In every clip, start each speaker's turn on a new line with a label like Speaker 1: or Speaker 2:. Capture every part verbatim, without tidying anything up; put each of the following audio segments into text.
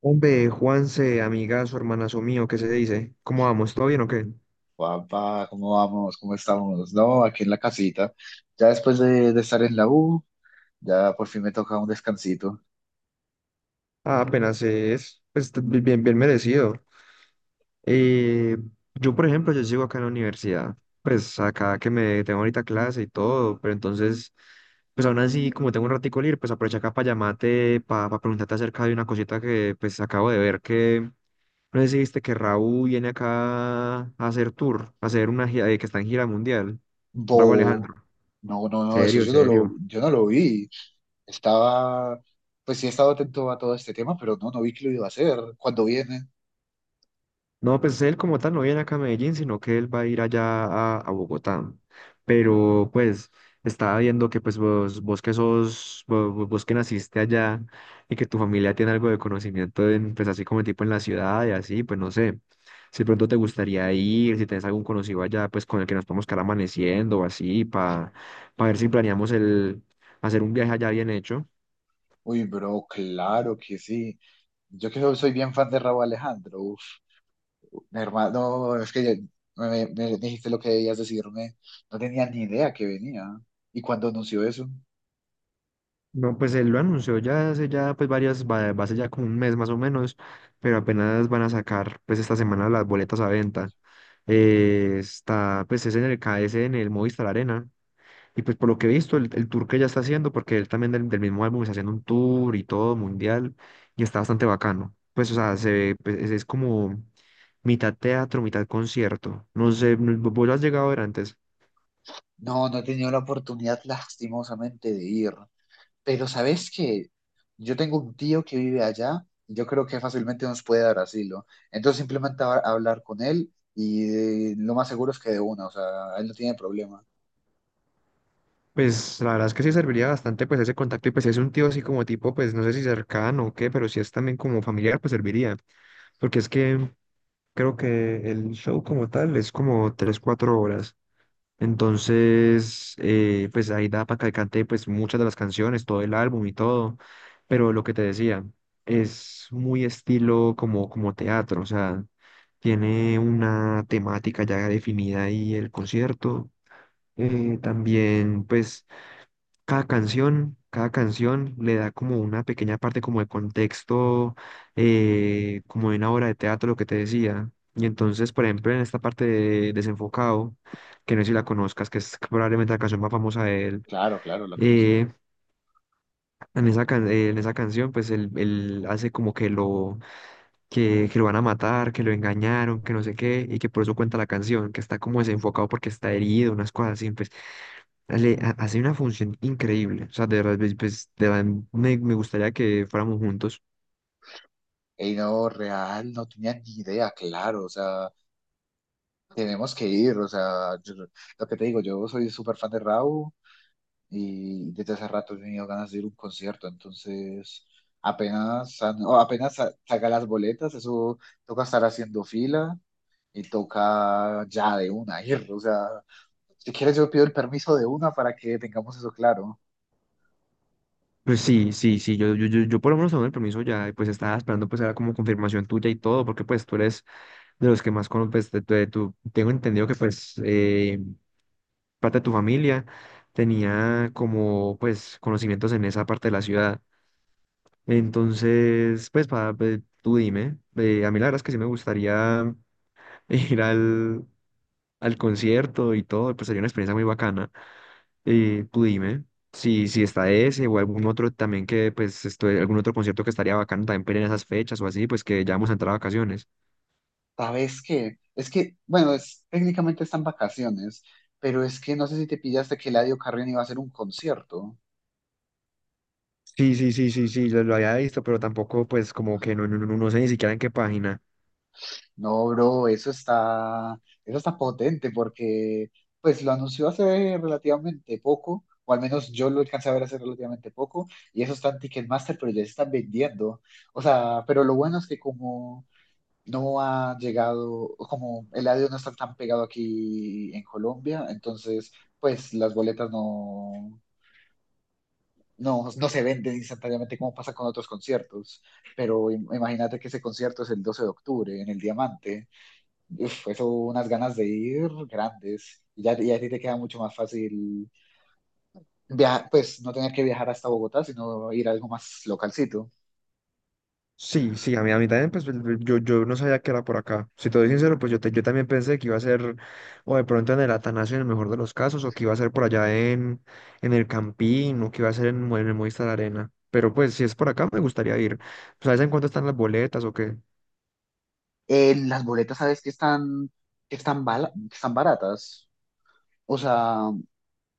Speaker 1: Hombre, Juanse, amigazo, hermanazo mío, ¿qué se dice? ¿Cómo vamos? ¿Todo bien o qué?
Speaker 2: Papá, ¿cómo vamos? ¿Cómo estamos? No, aquí en la casita. Ya después de, de estar en la U, ya por fin me toca un descansito.
Speaker 1: Ah, apenas es, pues, t- bien, bien merecido. Eh, yo, por ejemplo, yo sigo acá en la universidad, pues, acá que me tengo ahorita clase y todo, pero entonces, pues, aún así, como tengo un ratico libre, pues, aprovecho acá para llamarte, para preguntarte acerca de una cosita que, pues, acabo de ver que, no sé si viste que Raúl viene acá a hacer tour, a hacer una gira, eh, que está en gira mundial. Raúl
Speaker 2: Bobo.
Speaker 1: Alejandro,
Speaker 2: No, no, no, eso
Speaker 1: serio,
Speaker 2: yo no lo,
Speaker 1: serio.
Speaker 2: yo no lo vi. Estaba, pues sí he estado atento a todo este tema, pero no, no vi que lo iba a hacer. ¿Cuándo viene?
Speaker 1: No, pues él como tal no viene acá a Medellín, sino que él va a ir allá a, a Bogotá. Pero pues estaba viendo que pues vos, vos que sos, vo- vo- vos, que naciste allá y que tu familia tiene algo de conocimiento en, pues así como tipo en la ciudad y así, pues no sé, si de pronto te gustaría ir, si tenés algún conocido allá, pues con el que nos podemos quedar amaneciendo o así, para ver si planeamos el hacer un viaje allá bien hecho.
Speaker 2: Uy, bro, claro que sí. Yo que soy bien fan de Raúl Alejandro. Uf, mi hermano, no, es que ya- me, me me dijiste lo que debías decirme. No tenía ni idea que venía. ¿Y cuándo anunció eso?
Speaker 1: No, pues él lo anunció ya hace ya pues varias, va, va a ser ya como un mes más o menos, pero apenas van a sacar pues esta semana las boletas a venta. Eh, está pues es en el K KS, en el Movistar Arena. Y pues por lo que he visto, el, el tour que ya está haciendo, porque él también del, del mismo álbum está haciendo un tour y todo mundial, y está bastante bacano. Pues o sea, se ve, pues, es, es como mitad teatro, mitad concierto. No sé, no- ¿vos lo has llegado a ver antes?
Speaker 2: No, no he tenido la oportunidad lastimosamente de ir, pero sabes que yo tengo un tío que vive allá, y yo creo que fácilmente nos puede dar asilo. Entonces simplemente a hablar con él y eh, lo más seguro es que de una, o sea, él no tiene problema.
Speaker 1: Pues la verdad es que sí serviría bastante pues ese contacto y pues si es un tío así como tipo, pues no sé si cercano o qué, pero si es también como familiar, pues serviría. Porque es que creo que el show como tal es como tres cuatro horas. Entonces, eh, pues ahí da para que cante pues muchas de las canciones, todo el álbum y todo. Pero lo que te decía, es muy estilo como, como teatro, o sea, tiene una temática ya definida y el concierto. eh, también pues cada canción, cada canción le da como una pequeña parte como de contexto, eh, como de una obra de teatro, lo que te decía. Y entonces, por ejemplo, en esta parte de Desenfocado, que no sé si la conozcas, que es probablemente la canción más famosa de él,
Speaker 2: Claro, claro, lo conozco.
Speaker 1: eh, en esa, can- eh, en esa canción, pues él, él hace como que lo, que, que lo van a matar, que lo engañaron, que no sé qué, y que por eso cuenta la canción, que está como desenfocado porque está herido, unas cosas así. Pues. Le ha- hace una función increíble. O sea, de verdad, pues, pues, de verdad, me, me gustaría que fuéramos juntos.
Speaker 2: Y no, real, no tenía ni idea, claro, o sea, tenemos que ir, o sea, yo- lo que te digo, yo soy súper fan de Raúl y desde hace rato he tenido ganas de ir a un concierto, entonces apenas, san- o apenas sa- saca las boletas, eso toca estar haciendo fila y toca ya de una ir, o sea, si quieres yo pido el permiso de una para que tengamos eso claro.
Speaker 1: Pues sí, sí, sí, yo, yo, yo, yo por lo menos tengo el permiso ya, y pues estaba esperando pues era como confirmación tuya y todo, porque pues tú eres de los que más conoces, pues, de, de tu- tengo entendido que pues eh, parte de tu familia tenía como pues conocimientos en esa parte de la ciudad. Entonces, pues, para, tú dime, eh, a mí la verdad es que sí me gustaría ir al, al concierto y todo, pues sería una experiencia muy bacana. Y tú dime si, si está ese o algún otro también que, pues, esto- algún otro concierto que estaría bacano también para ir en esas fechas o así, pues que ya vamos a entrar a vacaciones.
Speaker 2: ¿Sabes qué? Es que, bueno, es, técnicamente están vacaciones, pero es que no sé si te pillaste que Eladio Carrión iba a hacer un concierto.
Speaker 1: Sí, sí, sí, sí, sí, lo, lo había visto, pero tampoco, pues, como que no, no, no, no sé ni siquiera en qué página.
Speaker 2: No, bro, eso está, eso está potente porque pues lo anunció hace relativamente poco, o al menos yo lo alcancé a ver hace relativamente poco, y eso está en Ticketmaster, pero ya se están vendiendo. O sea, pero lo bueno es que como no ha llegado, como el audio no está tan pegado aquí en Colombia, entonces pues las boletas no, no, no se venden instantáneamente como pasa con otros conciertos. Pero im- imagínate que ese concierto es el doce de octubre en el Diamante. Uf, eso, unas ganas de ir grandes. Y ya, y a ti te queda mucho más fácil viajar, pues no tener que viajar hasta Bogotá, sino ir a algo más localcito.
Speaker 1: Sí, sí, a mí, a mí también, pues, yo, yo no sabía que era por acá. Si te doy sincero, pues yo, te- yo también pensé que iba a ser, o de pronto en el Atanasio en el mejor de los casos, o que iba a ser por allá en, en el Campín, o que iba a ser en, Mo- en el Movistar Arena. Pero pues, si es por acá, me gustaría ir. ¿Sabes en cuánto están las boletas o qué?
Speaker 2: En las boletas, ¿sabes que están, que están, bala- que están baratas? O sea,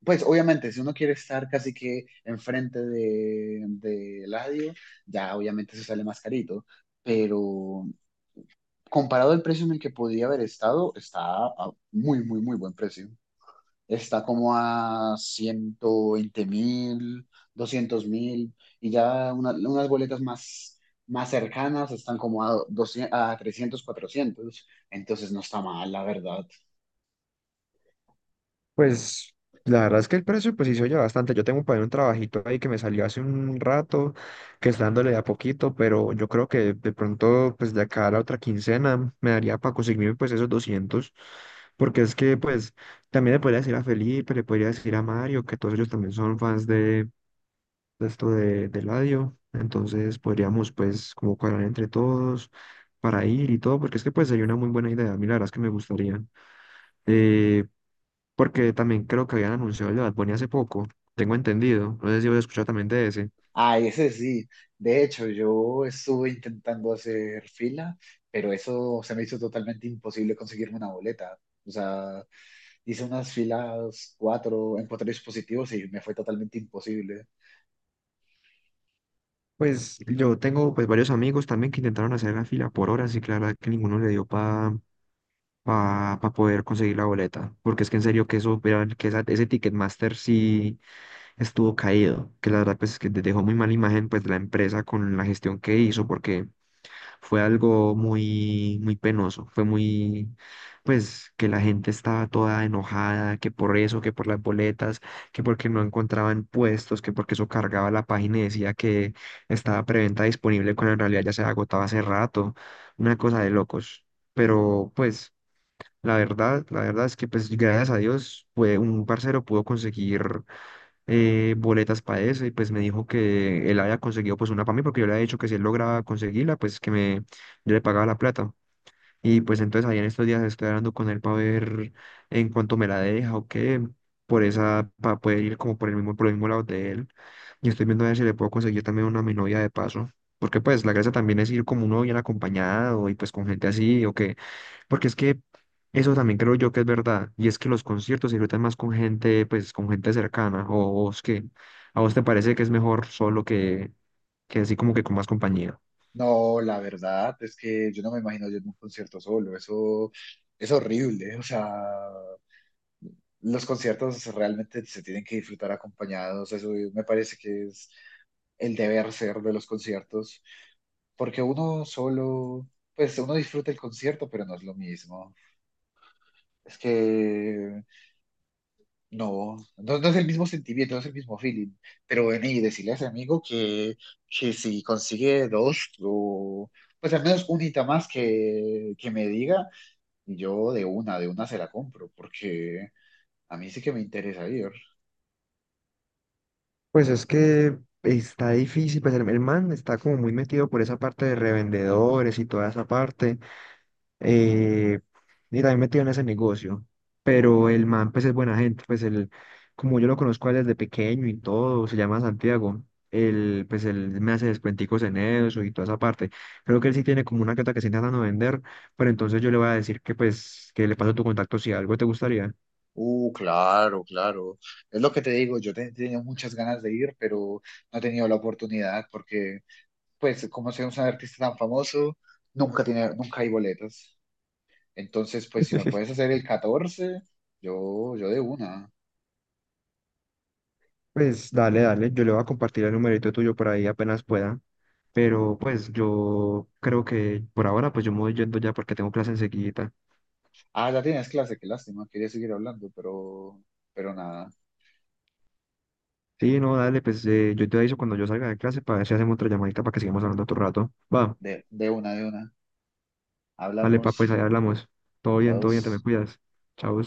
Speaker 2: pues obviamente, si uno quiere estar casi que enfrente de, de Eladio, ya obviamente se sale más carito. Pero comparado al precio en el que podía haber estado, está a muy, muy, muy buen precio. Está como a ciento veinte mil, doscientos mil, y ya una- unas boletas más, más cercanas están como a, doscientos a trescientos cuatrocientos entonces no está mal, la verdad.
Speaker 1: Pues la verdad es que el precio pues sí se oye bastante. Yo tengo por ahí un trabajito ahí que me salió hace un rato, que está dándole de a poquito, pero yo creo que de pronto pues de acá a la otra quincena me daría para conseguirme pues esos doscientos porque es que pues también le podría decir a Felipe, le podría decir a Mario, que todos ellos también son fans de, de esto de, de Eladio, entonces podríamos pues como cuadrar entre todos para ir y todo, porque es que pues sería una muy buena idea. A mí la verdad es que me gustaría. Eh, porque también creo que habían anunciado el de Bad Bunny hace poco, tengo entendido, no sé si habéis escuchado también de ese.
Speaker 2: Ah, ese sí, de hecho yo estuve intentando hacer fila, pero eso se me hizo totalmente imposible conseguirme una boleta. O sea, hice unas filas cuatro en cuatro dispositivos y me fue totalmente imposible.
Speaker 1: Pues yo tengo pues varios amigos también que intentaron hacer la fila por horas y claro que ninguno le dio para pa, pa pa poder conseguir la boleta, porque es que en serio que eso, era- que esa- ese Ticketmaster sí estuvo caído, que la verdad pues es que dejó muy mala imagen pues de la empresa con la gestión que hizo, porque fue algo muy, muy penoso, fue muy, pues, que la gente estaba toda enojada, que por eso, que por las boletas, que porque no encontraban puestos, que porque eso cargaba la página y decía que estaba preventa disponible cuando en realidad ya se agotaba hace rato, una cosa de locos. Pero, pues, la verdad, la verdad es que, pues, gracias a Dios, fue un parcero pudo conseguir eh, boletas para eso y pues me dijo que él había conseguido pues una para mí porque yo le había dicho que si él lograba conseguirla pues que me yo le pagaba la plata y pues entonces ahí en estos días estoy hablando con él para ver en cuánto me la deja o qué por esa para poder ir como por el mismo por el mismo lado de él y estoy viendo a ver si le puedo conseguir también una a mi novia de paso porque pues la gracia también es ir como uno bien acompañado y pues con gente así o porque es que eso también creo yo que es verdad, y es que los conciertos se disfrutan más con gente, pues con gente cercana, o vos que, a vos te parece que es mejor solo que, que así como que con más compañía.
Speaker 2: No, la verdad es que yo no me imagino yo en un concierto solo, eso es horrible, o sea, los conciertos realmente se tienen que disfrutar acompañados, eso me parece que es el deber ser de los conciertos, porque uno solo, pues uno disfruta el concierto, pero no es lo mismo, es que no, no, no es el mismo sentimiento, no es el mismo feeling, pero ven y decirle a ese amigo que, que si consigue dos o... Pues al menos un unita más que, que me diga, y yo de una, de una se la compro, porque a mí sí que me interesa ir.
Speaker 1: Pues es que está difícil, pues el, el man está como muy metido por esa parte de revendedores y toda esa parte, eh, y también metido en ese negocio. Pero el man, pues es buena gente, pues el como yo lo conozco a él desde pequeño y todo, se llama Santiago. Él, pues él me hace descuenticos en eso y toda esa parte. Creo que él sí tiene como una que que se intentando vender, pero entonces yo le voy a decir que pues que le paso tu contacto si algo te gustaría.
Speaker 2: Uh, claro, claro. Es lo que te digo, yo te- tenía muchas ganas de ir, pero no he tenido la oportunidad, porque, pues, como soy un artista tan famoso, nunca tiene, nunca hay boletas. Entonces, pues, si me puedes hacer el catorce yo, yo de una.
Speaker 1: Pues dale, dale, yo le voy a compartir el numerito tuyo por ahí apenas pueda. Pero pues yo creo que por ahora pues yo me voy yendo ya porque tengo clase enseguida.
Speaker 2: Ah, ya tienes clase, qué lástima, quería seguir hablando, pero, pero nada,
Speaker 1: Sí, no, dale, pues eh, yo te aviso cuando yo salga de clase para ver si hacemos otra llamadita para que sigamos hablando otro rato. Va,
Speaker 2: de, de una, de una.
Speaker 1: dale, pa, pues ahí
Speaker 2: Hablamos,
Speaker 1: hablamos. Todo bien,
Speaker 2: chao.
Speaker 1: todo bien, te me cuidas. Chao.